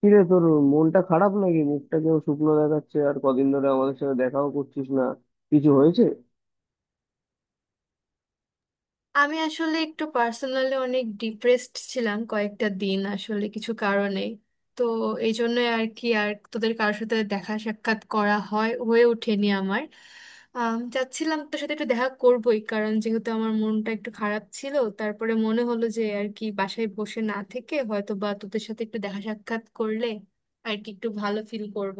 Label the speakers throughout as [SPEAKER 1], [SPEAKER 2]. [SPEAKER 1] কিরে, তোর মনটা খারাপ নাকি? মুখটা কেউ শুকনো দেখাচ্ছে, আর কদিন ধরে আমাদের সাথে দেখাও করছিস না। কিছু হয়েছে?
[SPEAKER 2] আমি আসলে একটু পার্সোনালি অনেক ডিপ্রেসড ছিলাম কয়েকটা দিন, আসলে কিছু কারণে। তো এই জন্য আর কি আর তোদের কারোর সাথে দেখা সাক্ষাৎ করা হয়ে ওঠেনি আমার। চাচ্ছিলাম তোর সাথে একটু দেখা করবোই, কারণ যেহেতু আমার মনটা একটু খারাপ ছিল, তারপরে মনে হলো যে আর কি বাসায় বসে না থেকে হয়তো বা তোদের সাথে একটু দেখা সাক্ষাৎ করলে আর কি একটু ভালো ফিল করব।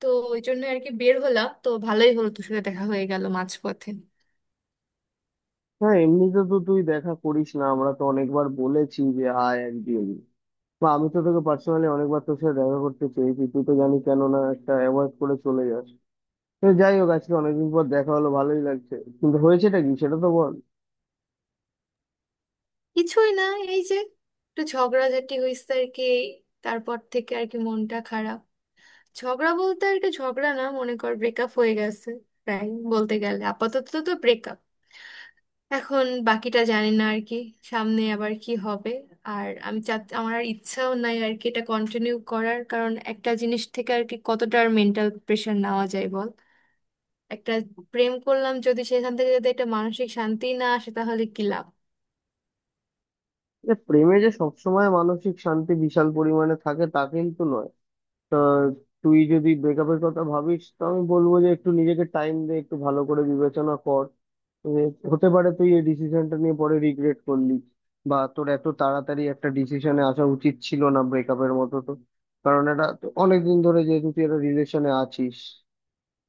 [SPEAKER 2] তো ওই জন্য আর কি বের হলাম, তো ভালোই হলো, তোর সাথে দেখা হয়ে গেল মাঝপথে।
[SPEAKER 1] হ্যাঁ, এমনিতে তো তুই দেখা করিস না, আমরা তো অনেকবার বলেছি যে আয় একদিন, বা আমি তো তোকে পার্সোনালি অনেকবার তোর সাথে দেখা করতে চেয়েছি, তুই তো জানি কেননা একটা অ্যাভয়েড করে চলে যাস। তো যাই হোক, আজকে অনেকদিন পর দেখা হলো, ভালোই লাগছে। কিন্তু হয়েছেটা কি, সেটা তো বল।
[SPEAKER 2] কিছুই না, এই যে একটু ঝগড়াঝাটি হইছে আর কি, এই তারপর থেকে আর কি মনটা খারাপ। ঝগড়া বলতে আর কি ঝগড়া না, মনে কর ব্রেকআপ হয়ে গেছে প্রায় বলতে গেলে, আপাতত তো ব্রেকআপ। এখন বাকিটা জানি না আর কি সামনে আবার কি হবে। আর আমি চা, আমার আর ইচ্ছাও নাই আর কি এটা কন্টিনিউ করার, কারণ একটা জিনিস থেকে আর কি কতটা আর মেন্টাল প্রেশার নেওয়া যায় বল। একটা প্রেম করলাম, যদি সেখান থেকে যদি একটা মানসিক শান্তি না আসে তাহলে কি লাভ?
[SPEAKER 1] প্রেমে যে সবসময় মানসিক শান্তি বিশাল পরিমাণে থাকে তা কিন্তু নয়। তা, তুই যদি ব্রেকআপের কথা ভাবিস তো আমি বলবো যে একটু নিজেকে টাইম দে, একটু ভালো করে বিবেচনা কর। যে হতে পারে তুই এই ডিসিশনটা নিয়ে পরে রিগ্রেট করলি, বা তোর এত তাড়াতাড়ি একটা ডিসিশনে আসা উচিত ছিল না ব্রেকআপের মতো। তো কারণ এটা তো অনেকদিন ধরে যেহেতু তুই একটা রিলেশনে আছিস।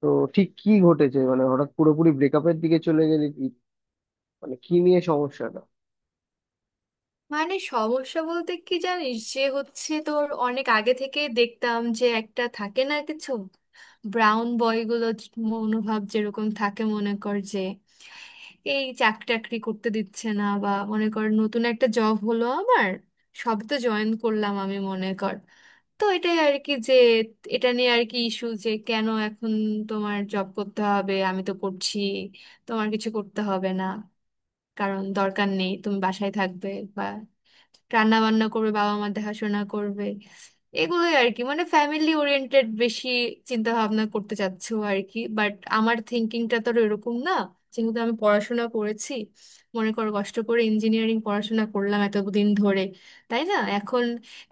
[SPEAKER 1] তো ঠিক কি ঘটেছে? মানে হঠাৎ পুরোপুরি ব্রেকআপের দিকে চলে গেলি কি? মানে কি নিয়ে সমস্যা?
[SPEAKER 2] মানে সমস্যা বলতে কি জানিস, যে হচ্ছে তোর, অনেক আগে থেকে দেখতাম যে একটা থাকে না কিছু ব্রাউন বয়গুলো মনোভাব যেরকম থাকে, মনে কর যে এই চাকরি টাকরি করতে দিচ্ছে না, বা মনে কর নতুন একটা জব হলো আমার, সব তো জয়েন করলাম আমি মনে কর। তো এটাই আর কি, যে এটা নিয়ে আর কি ইস্যু, যে কেন এখন তোমার জব করতে হবে, আমি তো করছি, তোমার কিছু করতে হবে না, কারণ দরকার নেই, তুমি বাসায় থাকবে বা রান্না বান্না করবে, বাবা মা দেখাশোনা করবে। এগুলোই আর কি, মানে ফ্যামিলি ওরিয়েন্টেড বেশি চিন্তা ভাবনা করতে চাচ্ছো আর কি, বাট আমার থিঙ্কিংটা তো এরকম না। যেহেতু আমি পড়াশোনা করেছি, মনে করো কষ্ট করে ইঞ্জিনিয়ারিং পড়াশোনা করলাম এতদিন ধরে, তাই না, এখন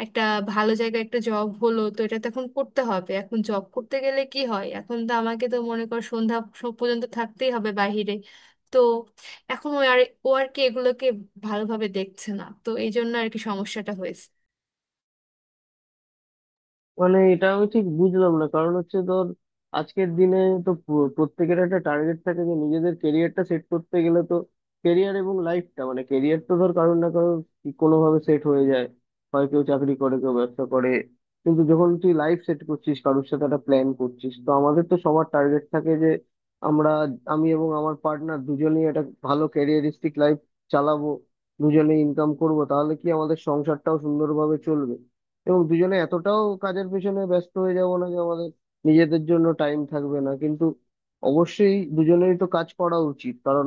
[SPEAKER 2] একটা ভালো জায়গায় একটা জব হলো, তো এটা তো এখন করতে হবে। এখন জব করতে গেলে কি হয়, এখন তো আমাকে তো মনে কর সন্ধ্যা পর্যন্ত থাকতেই হবে বাইরে। তো এখন ও আর কি এগুলোকে ভালোভাবে দেখছে না, তো এই জন্য আর কি সমস্যাটা হয়েছে।
[SPEAKER 1] মানে এটা আমি ঠিক বুঝলাম না, কারণ হচ্ছে ধর, আজকের দিনে তো প্রত্যেকের একটা টার্গেট থাকে যে নিজেদের কেরিয়ারটা সেট করতে গেলে তো কেরিয়ার এবং লাইফটা, মানে কেরিয়ার তো ধর কারোর না কারোর কোনোভাবে সেট হয়ে যায়। হয় কেউ চাকরি করে, কেউ ব্যবসা করে। কিন্তু যখন তুই লাইফ সেট করছিস কারোর সাথে, একটা প্ল্যান করছিস, তো আমাদের তো সবার টার্গেট থাকে যে আমরা, আমি এবং আমার পার্টনার, দুজনেই একটা ভালো ক্যারিয়ারিস্টিক লাইফ চালাবো, দুজনেই ইনকাম করব, তাহলে কি আমাদের সংসারটাও সুন্দরভাবে চলবে। এবং দুজনে এতটাও কাজের পেছনে ব্যস্ত হয়ে যাব না যে আমাদের নিজেদের জন্য টাইম থাকবে না, কিন্তু অবশ্যই দুজনেরই তো কাজ করা উচিত। কারণ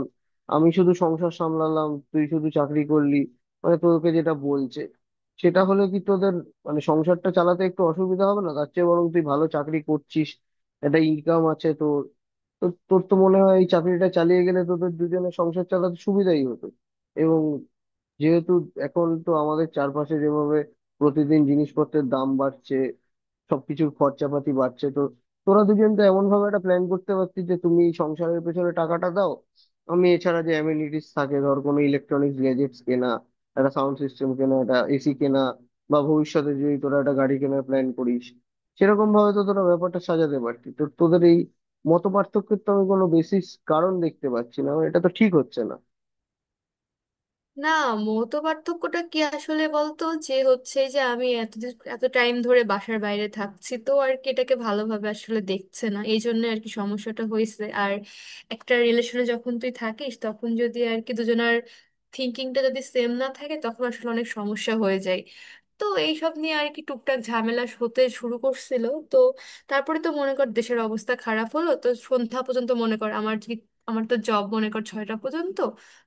[SPEAKER 1] আমি শুধু সংসার সামলালাম, তুই শুধু চাকরি করলি, মানে তোকে যেটা বলছে সেটা হলে কি তোদের মানে সংসারটা চালাতে একটু অসুবিধা হবে না? তার চেয়ে বরং তুই ভালো চাকরি করছিস, একটা ইনকাম আছে তোর, তো তোর তো মনে হয় এই চাকরিটা চালিয়ে গেলে তোদের দুজনের সংসার চালাতে সুবিধাই হতো। এবং যেহেতু এখন তো আমাদের চারপাশে যেভাবে প্রতিদিন জিনিসপত্রের দাম বাড়ছে, সবকিছুর খরচাপাতি বাড়ছে, তো তোরা দুজন তো এমন ভাবে একটা প্ল্যান করতে পারতিস যে তুমি সংসারের পেছনে টাকাটা দাও, আমি এছাড়া যে অ্যামেনিটিস থাকে, ধর কোনো ইলেকট্রনিক্স গ্যাজেটস কেনা, একটা সাউন্ড সিস্টেম কেনা, একটা এসি কেনা, বা ভবিষ্যতে যদি তোরা একটা গাড়ি কেনার প্ল্যান করিস, সেরকম ভাবে তো তোরা ব্যাপারটা সাজাতে পারতি। তো তোদের এই মত পার্থক্যের তো আমি কোনো বেসিস কারণ দেখতে পাচ্ছি না, মানে এটা তো ঠিক হচ্ছে না।
[SPEAKER 2] না, মত পার্থক্যটা কি আসলে বলতো, যে হচ্ছে যে আমি এতদিন এত টাইম ধরে বাসার বাইরে থাকছি, তো আর কি এটাকে ভালোভাবে আসলে দেখছে না, এই জন্য আর কি সমস্যাটা হয়েছে। আর একটা রিলেশনে যখন তুই থাকিস, তখন যদি আর কি দুজনের থিঙ্কিংটা যদি সেম না থাকে, তখন আসলে অনেক সমস্যা হয়ে যায়। তো এইসব নিয়ে আর কি টুকটাক ঝামেলা হতে শুরু করছিল। তো তারপরে তো মনে কর দেশের অবস্থা খারাপ হলো, তো সন্ধ্যা পর্যন্ত মনে কর আমার তো জব মনে কর ছয়টা পর্যন্ত,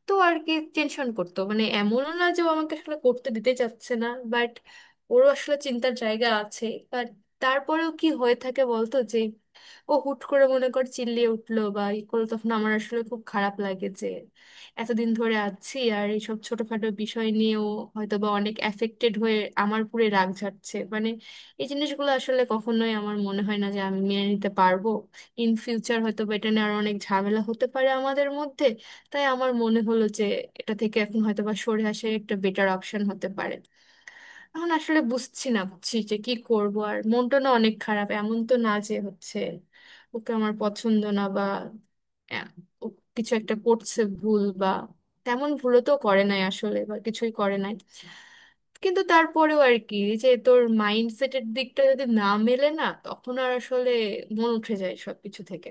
[SPEAKER 2] তো আর কি টেনশন করতো। মানে এমনও না যে ও আমাকে আসলে করতে দিতে চাচ্ছে না, বাট ওরও আসলে চিন্তার জায়গা আছে। বাট তারপরেও কি হয়ে থাকে বলতো, যে ও হুট করে মনে কর চিল্লিয়ে উঠলো বা ই করলো, তখন আমার আসলে খুব খারাপ লাগে। যে এতদিন ধরে আছি, আর এইসব ছোটখাটো বিষয় নিয়েও হয়তো বা অনেক অ্যাফেক্টেড হয়ে আমার পুরে রাগ ঝাড়ছে। মানে এই জিনিসগুলো আসলে কখনোই আমার মনে হয় না যে আমি মেনে নিতে পারবো। ইন ফিউচার হয়তো বা এটা নিয়ে আরো অনেক ঝামেলা হতে পারে আমাদের মধ্যে, তাই আমার মনে হলো যে এটা থেকে এখন হয়তো বা সরে আসা একটা বেটার অপশন হতে পারে। এখন আসলে বুঝছি না, বুঝছি যে কি করব, আর মনটা না অনেক খারাপ। এমন তো না যে হচ্ছে ওকে আমার পছন্দ না বা, আহ, ও কিছু একটা করছে ভুল, বা তেমন ভুলও তো করে নাই আসলে, বা কিছুই করে নাই। কিন্তু তারপরেও আর কি, যে তোর মাইন্ডসেটের দিকটা যদি না মেলে না, তখন আর আসলে মন উঠে যায় সবকিছু থেকে।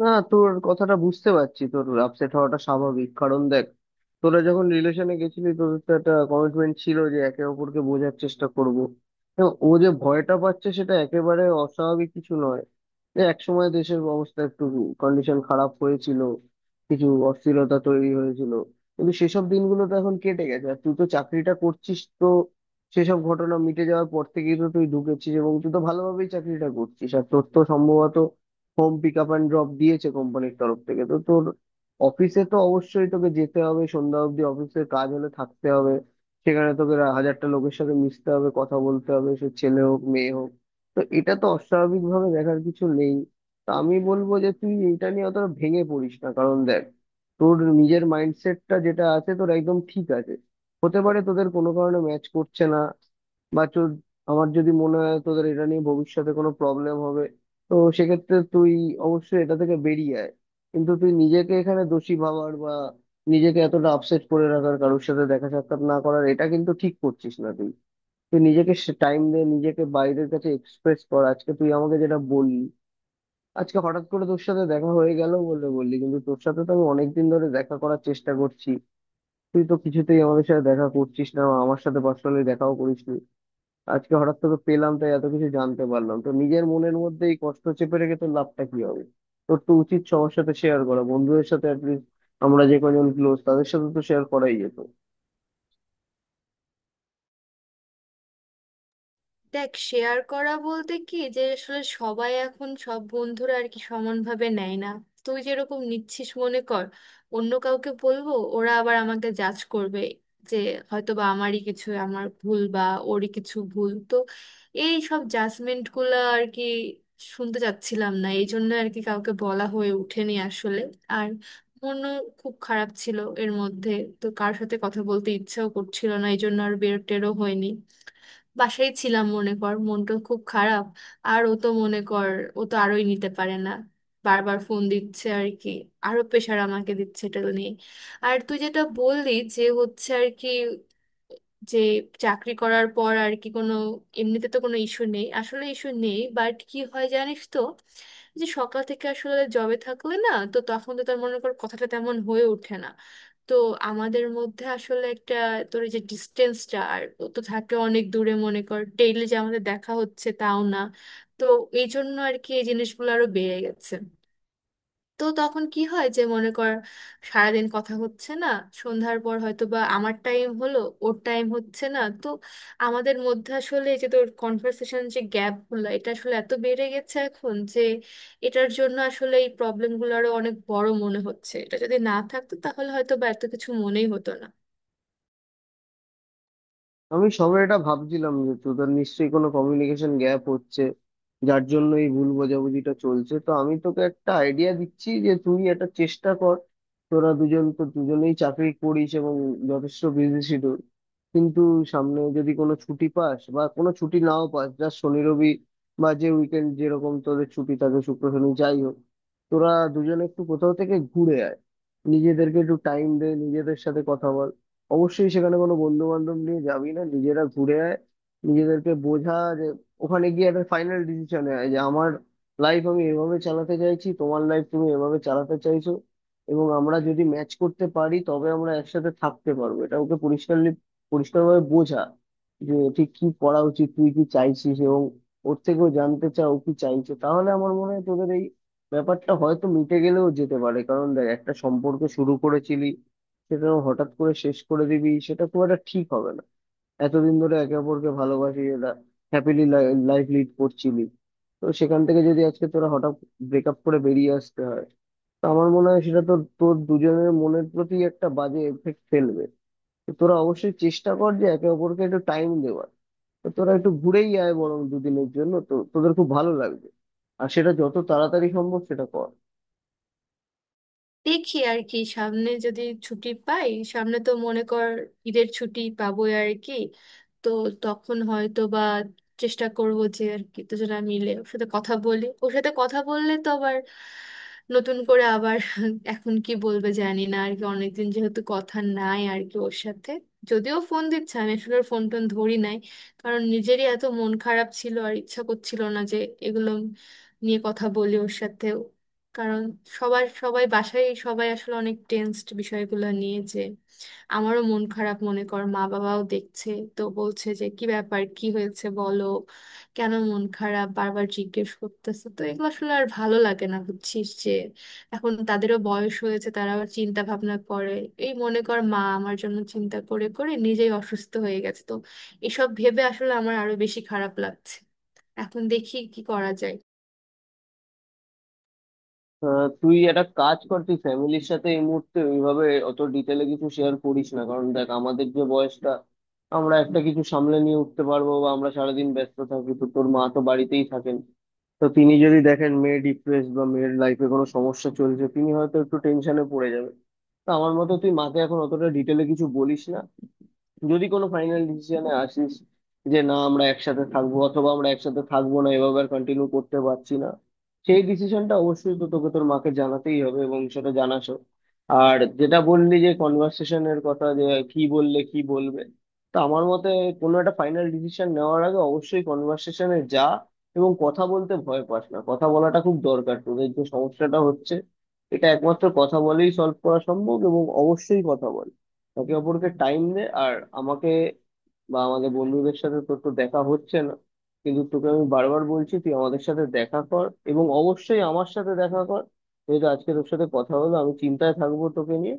[SPEAKER 1] না, তোর কথাটা বুঝতে পারছি, তোর আপসেট হওয়াটা স্বাভাবিক। কারণ দেখ, তোরা যখন রিলেশনে গেছিলি, তোদের তো একটা কমিটমেন্ট ছিল যে একে অপরকে বোঝার চেষ্টা করব। হ্যাঁ, ও যে ভয়টা পাচ্ছে সেটা একেবারে অস্বাভাবিক কিছু নয়। যে একসময় দেশের অবস্থা একটু কন্ডিশন খারাপ হয়েছিল, কিছু অস্থিরতা তৈরি হয়েছিল, কিন্তু সেসব দিনগুলো তো এখন কেটে গেছে, আর তুই তো চাকরিটা করছিস। তো সেসব ঘটনা মিটে যাওয়ার পর থেকেই তো তুই ঢুকেছিস, এবং তুই তো ভালোভাবেই চাকরিটা করছিস, আর তোর তো সম্ভবত home pick up and drop দিয়েছে কোম্পানির তরফ থেকে। তো তোর অফিসে তো অবশ্যই তোকে যেতে হবে, সন্ধ্যা অবধি অফিসের কাজ হলে থাকতে হবে, সেখানে তোকে হাজারটা লোকের সাথে মিশতে হবে, কথা বলতে হবে, সে ছেলে হোক মেয়ে হোক। তো এটা তো অস্বাভাবিক ভাবে দেখার কিছু নেই। তা আমি বলবো যে তুই এটা নিয়ে অতটা ভেঙে পড়িস না। কারণ দেখ, তোর নিজের মাইন্ডসেটটা যেটা আছে তোর একদম ঠিক আছে। হতে পারে তোদের কোনো কারণে ম্যাচ করছে না, বা তোর, আমার যদি মনে হয় তোদের এটা নিয়ে ভবিষ্যতে কোনো প্রবলেম হবে, তো সেক্ষেত্রে তুই অবশ্যই এটা থেকে বেরিয়ে আয়। কিন্তু তুই নিজেকে এখানে দোষী ভাবার বা নিজেকে এতটা আপসেট করে রাখার, কারোর সাথে দেখা সাক্ষাৎ না করার, এটা কিন্তু ঠিক করছিস না তুই। তুই নিজেকে টাইম দে, নিজেকে বাইরের কাছে এক্সপ্রেস কর। আজকে তুই আমাকে যেটা বললি, আজকে হঠাৎ করে তোর সাথে দেখা হয়ে গেল বলে বললি, কিন্তু তোর সাথে তো আমি অনেকদিন ধরে দেখা করার চেষ্টা করছি। তুই তো কিছুতেই আমাদের সাথে দেখা করছিস না, আমার সাথে পার্সোনালি দেখাও করিস। আজকে হঠাৎ তোকে পেলাম তাই এত কিছু জানতে পারলাম। তো নিজের মনের মধ্যে এই কষ্ট চেপে রেখে তোর লাভটা কি হবে? তোর তো উচিত সবার সাথে শেয়ার করা, বন্ধুদের সাথে অ্যাটলিস্ট আমরা যে কজন ক্লোজ তাদের সাথে তো শেয়ার করাই যেত।
[SPEAKER 2] দেখ, শেয়ার করা বলতে কি, যে আসলে সবাই এখন সব বন্ধুরা আর কি সমানভাবে নেয় না। তুই যেরকম নিচ্ছিস মনে কর, অন্য কাউকে বলবো ওরা আবার আমাকে জাজ করবে, যে হয়তো বা আমারই কিছু, আমার ভুল, বা ওরই কিছু ভুল। তো এই সব জাজমেন্ট গুলা আর কি শুনতে চাচ্ছিলাম না, এই জন্য আর কি কাউকে বলা হয়ে ওঠেনি আসলে। আর মনও খুব খারাপ ছিল এর মধ্যে, তো কার সাথে কথা বলতে ইচ্ছাও করছিল না, এই জন্য আর বের টেরও হয়নি। বাসায় ছিলাম মনে কর, মনটা খুব খারাপ। আর ও তো মনে কর, ও তো আরোই নিতে পারে না, বারবার ফোন দিচ্ছে আর কি, আরো প্রেশার আমাকে দিচ্ছে এটা নিয়ে। আর তুই যেটা বললি, যে হচ্ছে আর কি, যে চাকরি করার পর আর কি কোনো, এমনিতে তো কোনো ইস্যু নেই আসলে, ইস্যু নেই, বাট কি হয় জানিস তো, যে সকাল থেকে আসলে জবে থাকলে না, তো তখন তো তার মনে কর কথাটা তেমন হয়ে ওঠে না। তো আমাদের মধ্যে আসলে একটা, তোর এই যে ডিস্টেন্সটা, আর ও তো থাকে অনেক দূরে মনে কর, ডেইলি যে আমাদের দেখা হচ্ছে তাও না। তো এই জন্য আর কি এই জিনিসগুলো আরো বেড়ে গেছে। তো তখন কি হয়, যে মনে কর সারাদিন কথা হচ্ছে না, সন্ধ্যার পর হয়তো বা আমার টাইম হলো, ওর টাইম হচ্ছে না। তো আমাদের মধ্যে আসলে এই যে তোর কনভার্সেশন, যে গ্যাপ গুলো এটা আসলে এত বেড়ে গেছে এখন, যে এটার জন্য আসলে এই প্রবলেম গুলো আরো অনেক বড় মনে হচ্ছে। এটা যদি না থাকতো তাহলে হয়তো বা এত কিছু মনেই হতো না।
[SPEAKER 1] আমি সবে এটা ভাবছিলাম যে তোদের নিশ্চয়ই কোনো কমিউনিকেশন গ্যাপ হচ্ছে, যার জন্য এই ভুল বোঝাবুঝিটা চলছে। তো আমি তোকে একটা আইডিয়া দিচ্ছি যে তুই একটা চেষ্টা কর। তোরা দুজন তো দুজনেই চাকরি করিস এবং যথেষ্ট বিজি শিডিউল, কিন্তু সামনে যদি কোনো ছুটি পাস বা কোনো ছুটি নাও পাস, যা শনি রবি বা যে উইকেন্ড যেরকম তোদের ছুটি থাকে, শুক্র শনি যাই হোক, তোরা দুজনে একটু কোথাও থেকে ঘুরে আয়। নিজেদেরকে একটু টাইম দে, নিজেদের সাথে কথা বল। অবশ্যই সেখানে কোনো বন্ধু বান্ধব নিয়ে যাবি না, নিজেরা ঘুরে আয়। নিজেদেরকে বোঝা, যে ওখানে গিয়ে একটা ফাইনাল ডিসিশন হয় যে আমার লাইফ আমি এভাবে চালাতে চাইছি, তোমার লাইফ তুমি এভাবে চালাতে চাইছো, এবং আমরা যদি ম্যাচ করতে পারি তবে আমরা একসাথে থাকতে পারবো। এটা ওকে পরিষ্কারলি পরিষ্কারভাবে বোঝা যে ঠিক কি করা উচিত, তুই কি চাইছিস, এবং ওর থেকেও জানতে চাও কি চাইছে। তাহলে আমার মনে হয় তোদের এই ব্যাপারটা হয়তো মিটে গেলেও যেতে পারে। কারণ দেখ, একটা সম্পর্ক শুরু করেছিলি, সেটা হঠাৎ করে শেষ করে দিবি সেটা খুব একটা ঠিক হবে না। এতদিন ধরে একে অপরকে ভালোবাসি, এটা হ্যাপিলি লাইফ লিড করছিলি, তো সেখান থেকে যদি আজকে তোরা হঠাৎ ব্রেকআপ করে বেরিয়ে আসতে হয়, তো আমার মনে হয় সেটা তোর, তোর দুজনের মনের প্রতি একটা বাজে এফেক্ট ফেলবে। তো তোরা অবশ্যই চেষ্টা কর যে একে অপরকে একটু টাইম দেওয়ার। তো তোরা একটু ঘুরেই আয় বরং দুদিনের জন্য, তো তোদের খুব ভালো লাগবে। আর সেটা যত তাড়াতাড়ি সম্ভব সেটা কর।
[SPEAKER 2] দেখি আর কি, সামনে যদি ছুটি পাই, সামনে তো মনে কর ঈদের ছুটি পাবোই আর কি। তো তখন হয়তো বা চেষ্টা করব যে আর কি দুজনা মিলে ওর সাথে কথা বলি। ওর সাথে কথা বললে তো আবার নতুন করে আবার এখন কি বলবে জানি না আর কি, অনেকদিন যেহেতু কথা নাই আর কি ওর সাথে। যদিও ফোন দিচ্ছে, আমি আসলে ওর ফোন টোন ধরি নাই, কারণ নিজেরই এত মন খারাপ ছিল, আর ইচ্ছা করছিল না যে এগুলো নিয়ে কথা বলি ওর সাথে। কারণ সবাই বাসায়, সবাই আসলে অনেক টেনসড বিষয়গুলো নিয়ে। যে আমারও মন খারাপ মনে কর, মা বাবাও দেখছে, তো বলছে যে কি ব্যাপার, কি হয়েছে বলো, কেন মন খারাপ, বারবার জিজ্ঞেস করতেছে। তো এগুলো আসলে আর ভালো লাগে না বুঝছিস, যে এখন তাদেরও বয়স হয়েছে, তারাও চিন্তা ভাবনা করে। এই মনে কর মা আমার জন্য চিন্তা করে করে নিজেই অসুস্থ হয়ে গেছে। তো এসব ভেবে আসলে আমার আরো বেশি খারাপ লাগছে। এখন দেখি কি করা যায়।
[SPEAKER 1] তুই একটা কাজ কর, তুই ফ্যামিলির সাথে এই মুহূর্তে ওইভাবে অত ডিটেলে কিছু শেয়ার করিস না। কারণ দেখ, আমাদের যে বয়সটা আমরা একটা কিছু সামলে নিয়ে উঠতে পারবো বা আমরা সারাদিন ব্যস্ত থাকি, তো তোর মা তো বাড়িতেই থাকেন, তো তিনি যদি দেখেন মেয়ে ডিপ্রেসড বা মেয়ের লাইফে কোনো সমস্যা চলছে, তিনি হয়তো একটু টেনশনে পড়ে যাবে। তো আমার মতে তুই মাকে এখন অতটা ডিটেলে কিছু বলিস না। যদি কোনো ফাইনাল ডিসিশনে আসিস যে না আমরা একসাথে থাকবো অথবা আমরা একসাথে থাকবো না, এভাবে আর কন্টিনিউ করতে পারছি না, সেই ডিসিশনটা অবশ্যই তো তোকে তোর মাকে জানাতেই হবে, এবং সেটা জানাসও। আর যেটা বললি যে কনভার্সেশনের কথা, যে কি বললে কি বলবে, তো আমার মতে কোনো একটা ফাইনাল ডিসিশন নেওয়ার আগে অবশ্যই কনভার্সেশনে যা। এবং কথা বলতে ভয় পাস না, কথা বলাটা খুব দরকার। তোদের যে সমস্যাটা হচ্ছে, এটা একমাত্র কথা বলেই সলভ করা সম্ভব, এবং অবশ্যই কথা বল, একে অপরকে টাইম দে। আর আমাকে বা আমাদের বন্ধুদের সাথে তোর তো দেখা হচ্ছে না, কিন্তু তোকে আমি বারবার বলছি তুই আমাদের সাথে দেখা কর, এবং অবশ্যই আমার সাথে দেখা কর। যেহেতু আজকে তোর সাথে কথা হলো, আমি চিন্তায় থাকবো তোকে নিয়ে।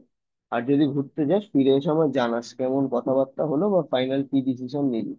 [SPEAKER 1] আর যদি ঘুরতে যাস, ফিরে এসে আমার জানাস কেমন কথাবার্তা হলো বা ফাইনাল কি ডিসিশন নিলি।